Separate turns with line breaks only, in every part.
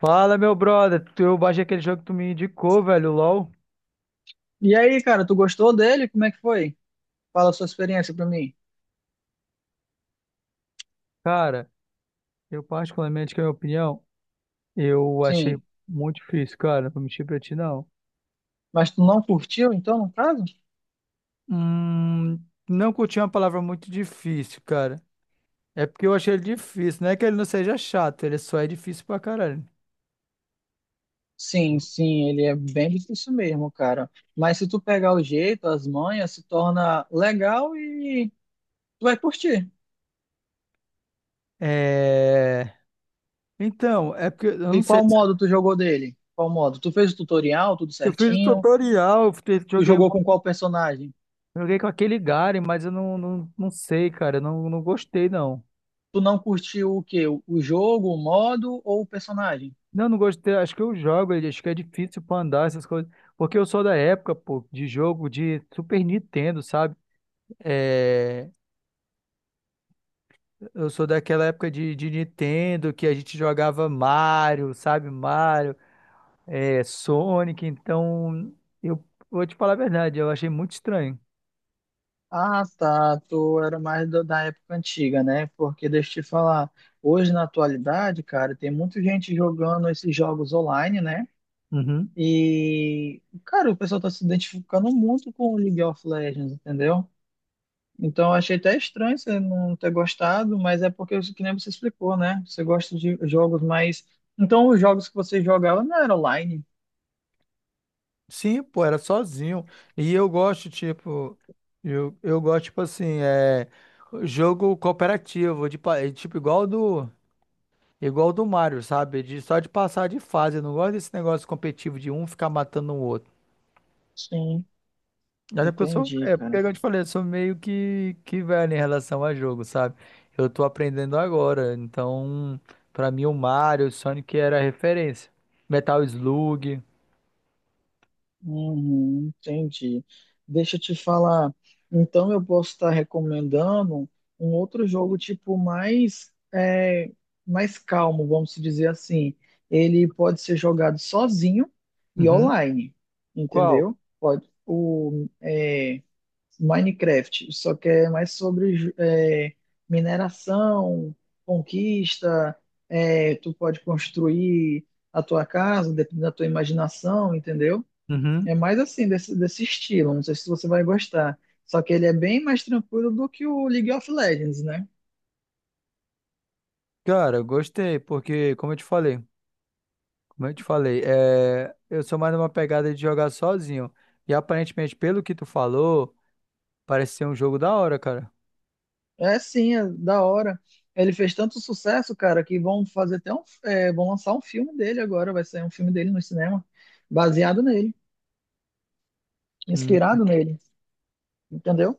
Fala, meu brother. Eu baixei aquele jogo que tu me indicou, velho, o LoL.
E aí, cara, tu gostou dele? Como é que foi? Fala a sua experiência pra mim.
Cara, eu particularmente, que é a minha opinião, eu achei
Sim.
muito difícil, cara. Não vou mentir pra ti, não.
Mas tu não curtiu, então, no caso?
Hum, não curti uma palavra muito difícil, cara. É porque eu achei ele difícil. Não é que ele não seja chato, ele só é difícil pra caralho.
Sim, sim, ele é bem difícil mesmo, cara. Mas se tu pegar o jeito, as manhas, se torna legal e tu vai curtir.
É... Então, é porque eu não
E
sei.
qual modo tu jogou dele? Qual modo? Tu fez o tutorial, tudo
Eu fiz o
certinho?
tutorial,
Tu
joguei,
jogou com qual personagem?
joguei com aquele Garen, mas eu não sei, cara. Eu não gostei, não.
Tu não curtiu o quê? O jogo, o modo ou o personagem?
Não, não gostei. Acho que eu jogo ele. Acho que é difícil pra andar essas coisas. Porque eu sou da época, pô, de jogo de Super Nintendo, sabe? É, eu sou daquela época de Nintendo que a gente jogava Mario, sabe? Mario, é, Sonic. Então, eu vou te falar a verdade, eu achei muito estranho.
Ah, tá. Tu era mais da época antiga, né? Porque deixa eu te falar, hoje na atualidade, cara, tem muita gente jogando esses jogos online, né?
Uhum.
E, cara, o pessoal tá se identificando muito com o League of Legends, entendeu? Então, eu achei até estranho você não ter gostado, mas é porque, que nem você explicou, né? Você gosta de jogos mais. Então, os jogos que você jogava não eram online.
Sim, pô, era sozinho. E eu gosto, tipo, eu gosto, tipo assim, é, jogo cooperativo, tipo, igual do. Igual o do Mario, sabe? De, só de passar de fase. Eu não gosto desse negócio competitivo de um ficar matando o outro.
Sim,
Até porque eu sou,
entendi,
é, porque
cara.
como eu te falei, eu sou meio que velho em relação a jogo, sabe? Eu tô aprendendo agora. Então, pra mim, o Mario, o Sonic era a referência. Metal Slug.
Uhum, entendi. Deixa eu te falar. Então eu posso estar recomendando um outro jogo tipo mais mais calmo, vamos dizer assim. Ele pode ser jogado sozinho e
Uhum.
online,
Qual?
entendeu? Pode. O Minecraft, só que é mais sobre mineração, conquista. Tu pode construir a tua casa, dependendo da tua imaginação, entendeu?
Uhum.
É mais assim, desse estilo. Não sei se você vai gostar. Só que ele é bem mais tranquilo do que o League of Legends, né?
Cara, eu gostei, porque, como eu te falei, é, eu sou mais numa pegada de jogar sozinho. E aparentemente, pelo que tu falou, parece ser um jogo da hora, cara.
É sim, é da hora. Ele fez tanto sucesso, cara, que vão fazer, vão lançar um filme dele agora. Vai sair um filme dele no cinema, baseado nele, inspirado nele. Entendeu?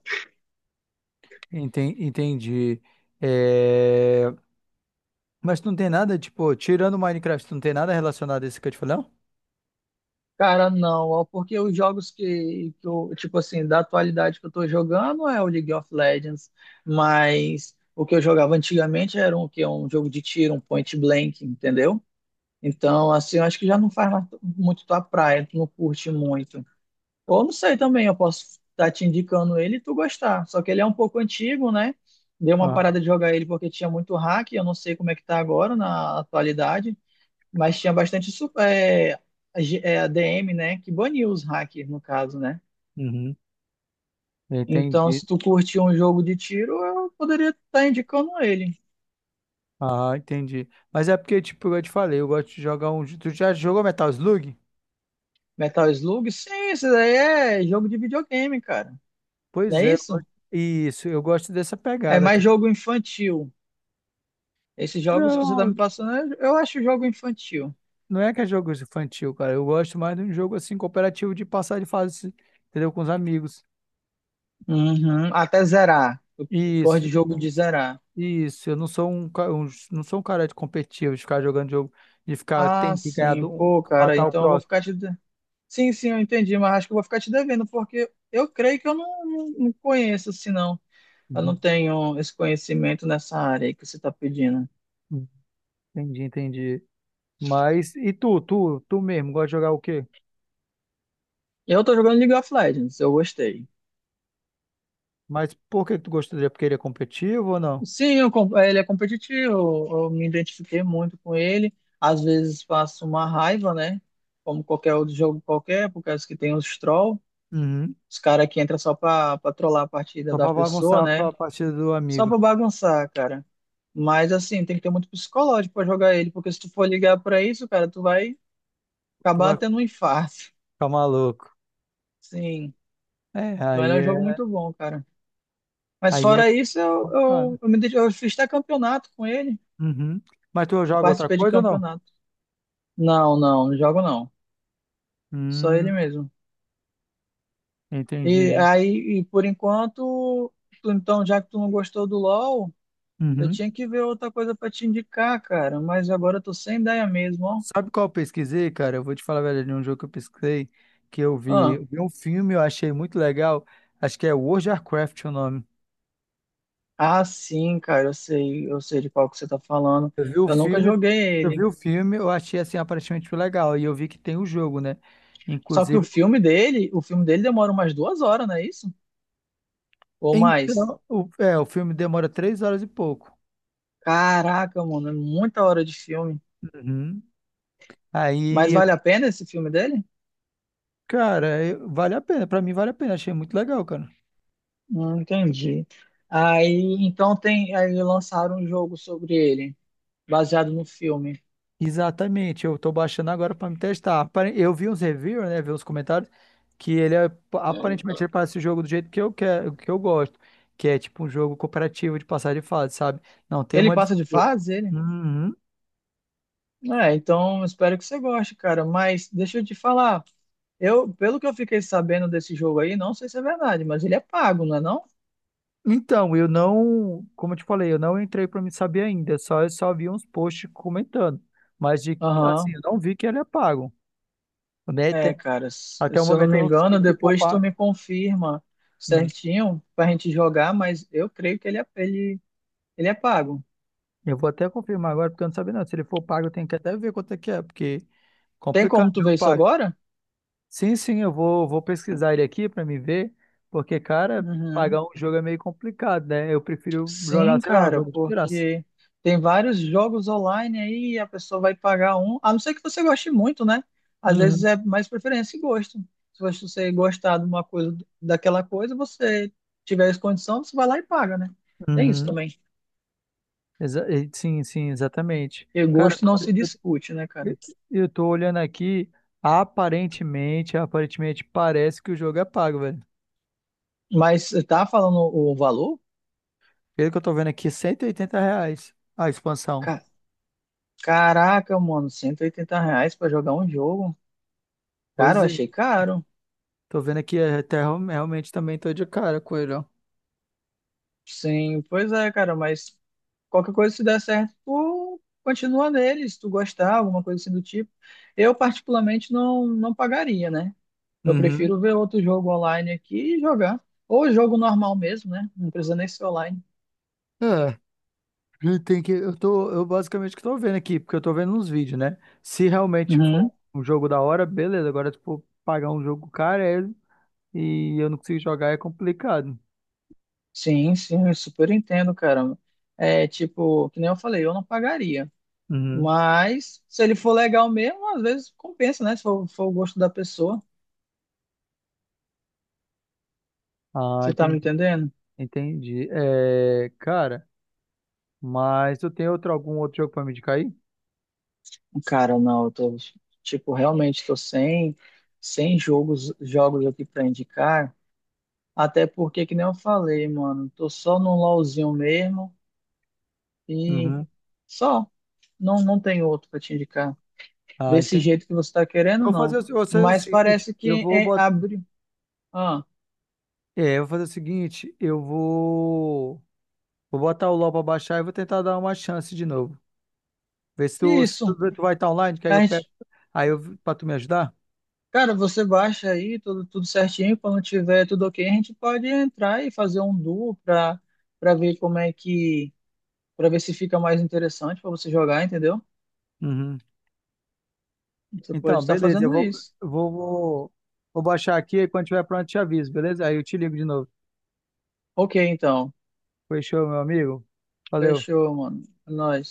Entendi. É, mas tu não tem nada, tipo, tirando o Minecraft, tu não tem nada relacionado a esse que eu te falei, não?
Cara, não, ó, porque os jogos que eu, tipo assim, da atualidade que eu tô jogando é o League of Legends, mas o que eu jogava antigamente era um, que é um jogo de tiro, um point blank, entendeu? Então, assim, eu acho que já não faz mais muito tua praia, tu não curte muito. Ou não sei também, eu posso estar te indicando ele e tu gostar. Só que ele é um pouco antigo, né? Deu uma
Ah,
parada de jogar ele porque tinha muito hack, eu não sei como é que tá agora na atualidade, mas tinha bastante ADM, né? Que baniu os hackers, no caso, né?
uhum.
Então,
Entendi.
se tu curte um jogo de tiro, eu poderia estar indicando ele.
Ah, entendi. Mas é porque, tipo, eu te falei, eu gosto de jogar um. Tu já jogou Metal Slug?
Metal Slug? Sim, isso daí é jogo de videogame, cara. Não
Pois
é
é, eu
isso?
gosto- isso, eu gosto dessa
É
pegada,
mais
cara.
jogo infantil. Esses jogos que você tá
Não,
me passando, eu acho jogo infantil.
não é que é jogo infantil, cara. Eu gosto mais de um jogo assim, cooperativo de passar de fase, entendeu? Com os amigos.
Uhum. Até zerar. Eu gosto
Isso,
de jogo de zerar.
Isso, eu não sou não sou um cara de competitivo, de ficar jogando jogo, de ficar
Ah,
tendo que ganhar
sim.
do,
Pô, cara,
matar o
então eu vou
próximo.
ficar te. Sim, sim, eu entendi, mas acho que eu vou ficar te devendo, porque eu creio que eu não, não, não conheço, assim, não. Eu não
Uhum,
tenho esse conhecimento nessa área aí que você tá pedindo.
uhum. Entendi, entendi. Mas e tu, tu mesmo, gosta de jogar o quê?
Eu tô jogando League of Legends, eu gostei.
Mas por que que tu gostaria? Porque ele é competitivo ou não?
Sim, eu ele é competitivo, eu me identifiquei muito com ele. Às vezes faço uma raiva, né? Como qualquer outro jogo qualquer, por causa que tem os troll,
Uhum.
os caras que entram só pra trollar a partida
Só
da
pra
pessoa,
bagunçar a
né?
partida do
Só
amigo.
pra bagunçar, cara. Mas assim, tem que ter muito psicológico pra jogar ele, porque se tu for ligar pra isso, cara, tu vai
Tu
acabar
vai
tendo um infarto.
ficar maluco.
Sim,
É,
então ele é
aí
um jogo
é,
muito bom, cara. Mas
aí é
fora isso, eu,
complicado.
eu, eu, me, ded- eu fiz até campeonato com ele.
Uhum. Mas tu
Eu
joga outra
participei de
coisa ou não?
campeonato. Não, não, não jogo não. Só ele
Hum,
mesmo. E
entendi.
aí, e por enquanto, então, já que tu não gostou do LoL, eu
Uhum.
tinha que ver outra coisa pra te indicar, cara. Mas agora eu tô sem ideia mesmo, ó.
Sabe qual eu pesquisei, cara? Eu vou te falar, velho, de um jogo que eu pesquisei, que
Ah,
eu vi um filme, eu achei muito legal. Acho que é World of Warcraft o nome.
ah, sim, cara, eu sei de qual que você tá falando.
Eu vi o
Eu nunca
filme,
joguei
eu vi
ele.
o filme, eu achei assim aparentemente legal. E eu vi que tem o jogo, né?
Só que
Inclusive,
o filme dele demora umas 2 horas, não é isso? Ou mais.
então, o filme demora 3 horas e pouco.
Caraca, mano, é muita hora de filme.
Uhum.
Mas
Aí,
vale a pena esse filme dele?
vale a pena. Pra mim vale a pena. Achei muito legal, cara.
Entendi. Aí, então tem, aí lançaram um jogo sobre ele, baseado no filme.
Exatamente, eu tô baixando agora para me testar. Eu vi uns reviews, né, vi uns comentários aparentemente ele parece o jogo do jeito que eu quero, que eu gosto, que é tipo um jogo cooperativo de passar de fase, sabe? Não tem
Ele
uma
passa de
disputa.
fase, ele?
Uhum.
É, então espero que você goste, cara. Mas deixa eu te falar, eu, pelo que eu fiquei sabendo desse jogo aí, não sei se é verdade, mas ele é pago, não é não?
Então, eu não, como eu te falei, eu não entrei para me saber ainda, só eu só vi uns posts comentando, mas de assim,
Aham.
eu não vi que ele é pago, né?
É,
Tem-
cara, se
Até o
se eu não
momento eu
me
não sei
engano,
se for
depois tu
pago.
me confirma certinho pra gente jogar, mas eu creio que ele é pago.
Eu vou até confirmar agora, porque eu não sabia não. Se ele for pago, eu tenho que até ver quanto é que é, porque
Tem
complicado,
como tu ver
jogo
isso
pago.
agora?
Sim, sim, vou pesquisar ele aqui para me ver, porque, cara, pagar
Uhum.
um jogo é meio complicado, né? Eu prefiro jogar,
Sim,
sei lá, um
cara,
jogo de graça.
porque tem vários jogos online aí e a pessoa vai pagar um, a não ser que você goste muito, né? Às vezes
Uhum,
é mais preferência e gosto. Se você gostar de uma coisa, daquela coisa, você tiver as condições, você vai lá e paga, né? Tem isso
uhum.
também.
Sim, sim, exatamente.
E
Cara,
gosto não se discute, né, cara?
eu, eu tô olhando aqui, aparentemente parece que o jogo é pago, velho.
Mas você tá falando o valor?
Pelo que eu tô vendo aqui, R$ 180 a expansão.
Ca- Caraca, mano, R$ 180 pra jogar um jogo. Cara,
Pois
eu
é.
achei caro.
Tô vendo aqui, é, realmente também tô de cara com ele, ó.
Sim, pois é, cara, mas qualquer coisa se der certo, tu continua nele, se tu gostar, alguma coisa assim do tipo. Eu, particularmente, não, não pagaria, né? Eu
Uhum.
prefiro ver outro jogo online aqui e jogar. Ou jogo normal mesmo, né? Não precisa nem ser online.
É, ele tem que, eu tô, eu basicamente que tô vendo aqui, porque eu tô vendo uns vídeos, né? Se realmente
Uhum.
for um jogo da hora, beleza. Agora, se for pagar um jogo caro é- e eu não consigo jogar, é complicado.
Sim, sim, eu super entendo, cara. É tipo, que nem eu falei, eu não pagaria.
Uhum.
Mas se ele for legal mesmo, às vezes compensa, né? Se for o gosto da pessoa.
Ah,
Você tá me
entendi,
entendendo?
entendi. É, cara, mas tu tem outro, algum outro jogo pra me indicar aí?
Cara, não, eu tô, tipo, realmente tô sem jogos, jogos aqui pra indicar, até porque, que nem eu falei, mano, tô só num LOLzinho mesmo e
Uhum.
só, não, não tem outro pra te indicar,
Ah,
desse
entendi.
jeito que você tá querendo,
Eu vou fazer
não,
o, eu sei o
mas
seguinte,
parece
eu
que
vou botar,
abre, ah,
é, eu vou fazer o seguinte, eu vou Vou botar o LOL pra baixar e vou tentar dar uma chance de novo. Ver se tu,
isso,
tu vai estar online, que aí eu
a
pego.
gente,
Aí eu, pra tu me ajudar?
cara, você baixa aí tudo, tudo certinho, quando tiver tudo ok, a gente pode entrar e fazer um duo pra ver como é que para ver se fica mais interessante para você jogar, entendeu?
Uhum.
Você pode
Então,
estar
beleza, eu
fazendo
vou,
isso.
vou, vou, vou baixar aqui e quando tiver pronto eu te aviso, beleza? Aí eu te ligo de novo.
Ok, então.
Fechou, meu amigo? Valeu.
Fechou, mano. É nóis.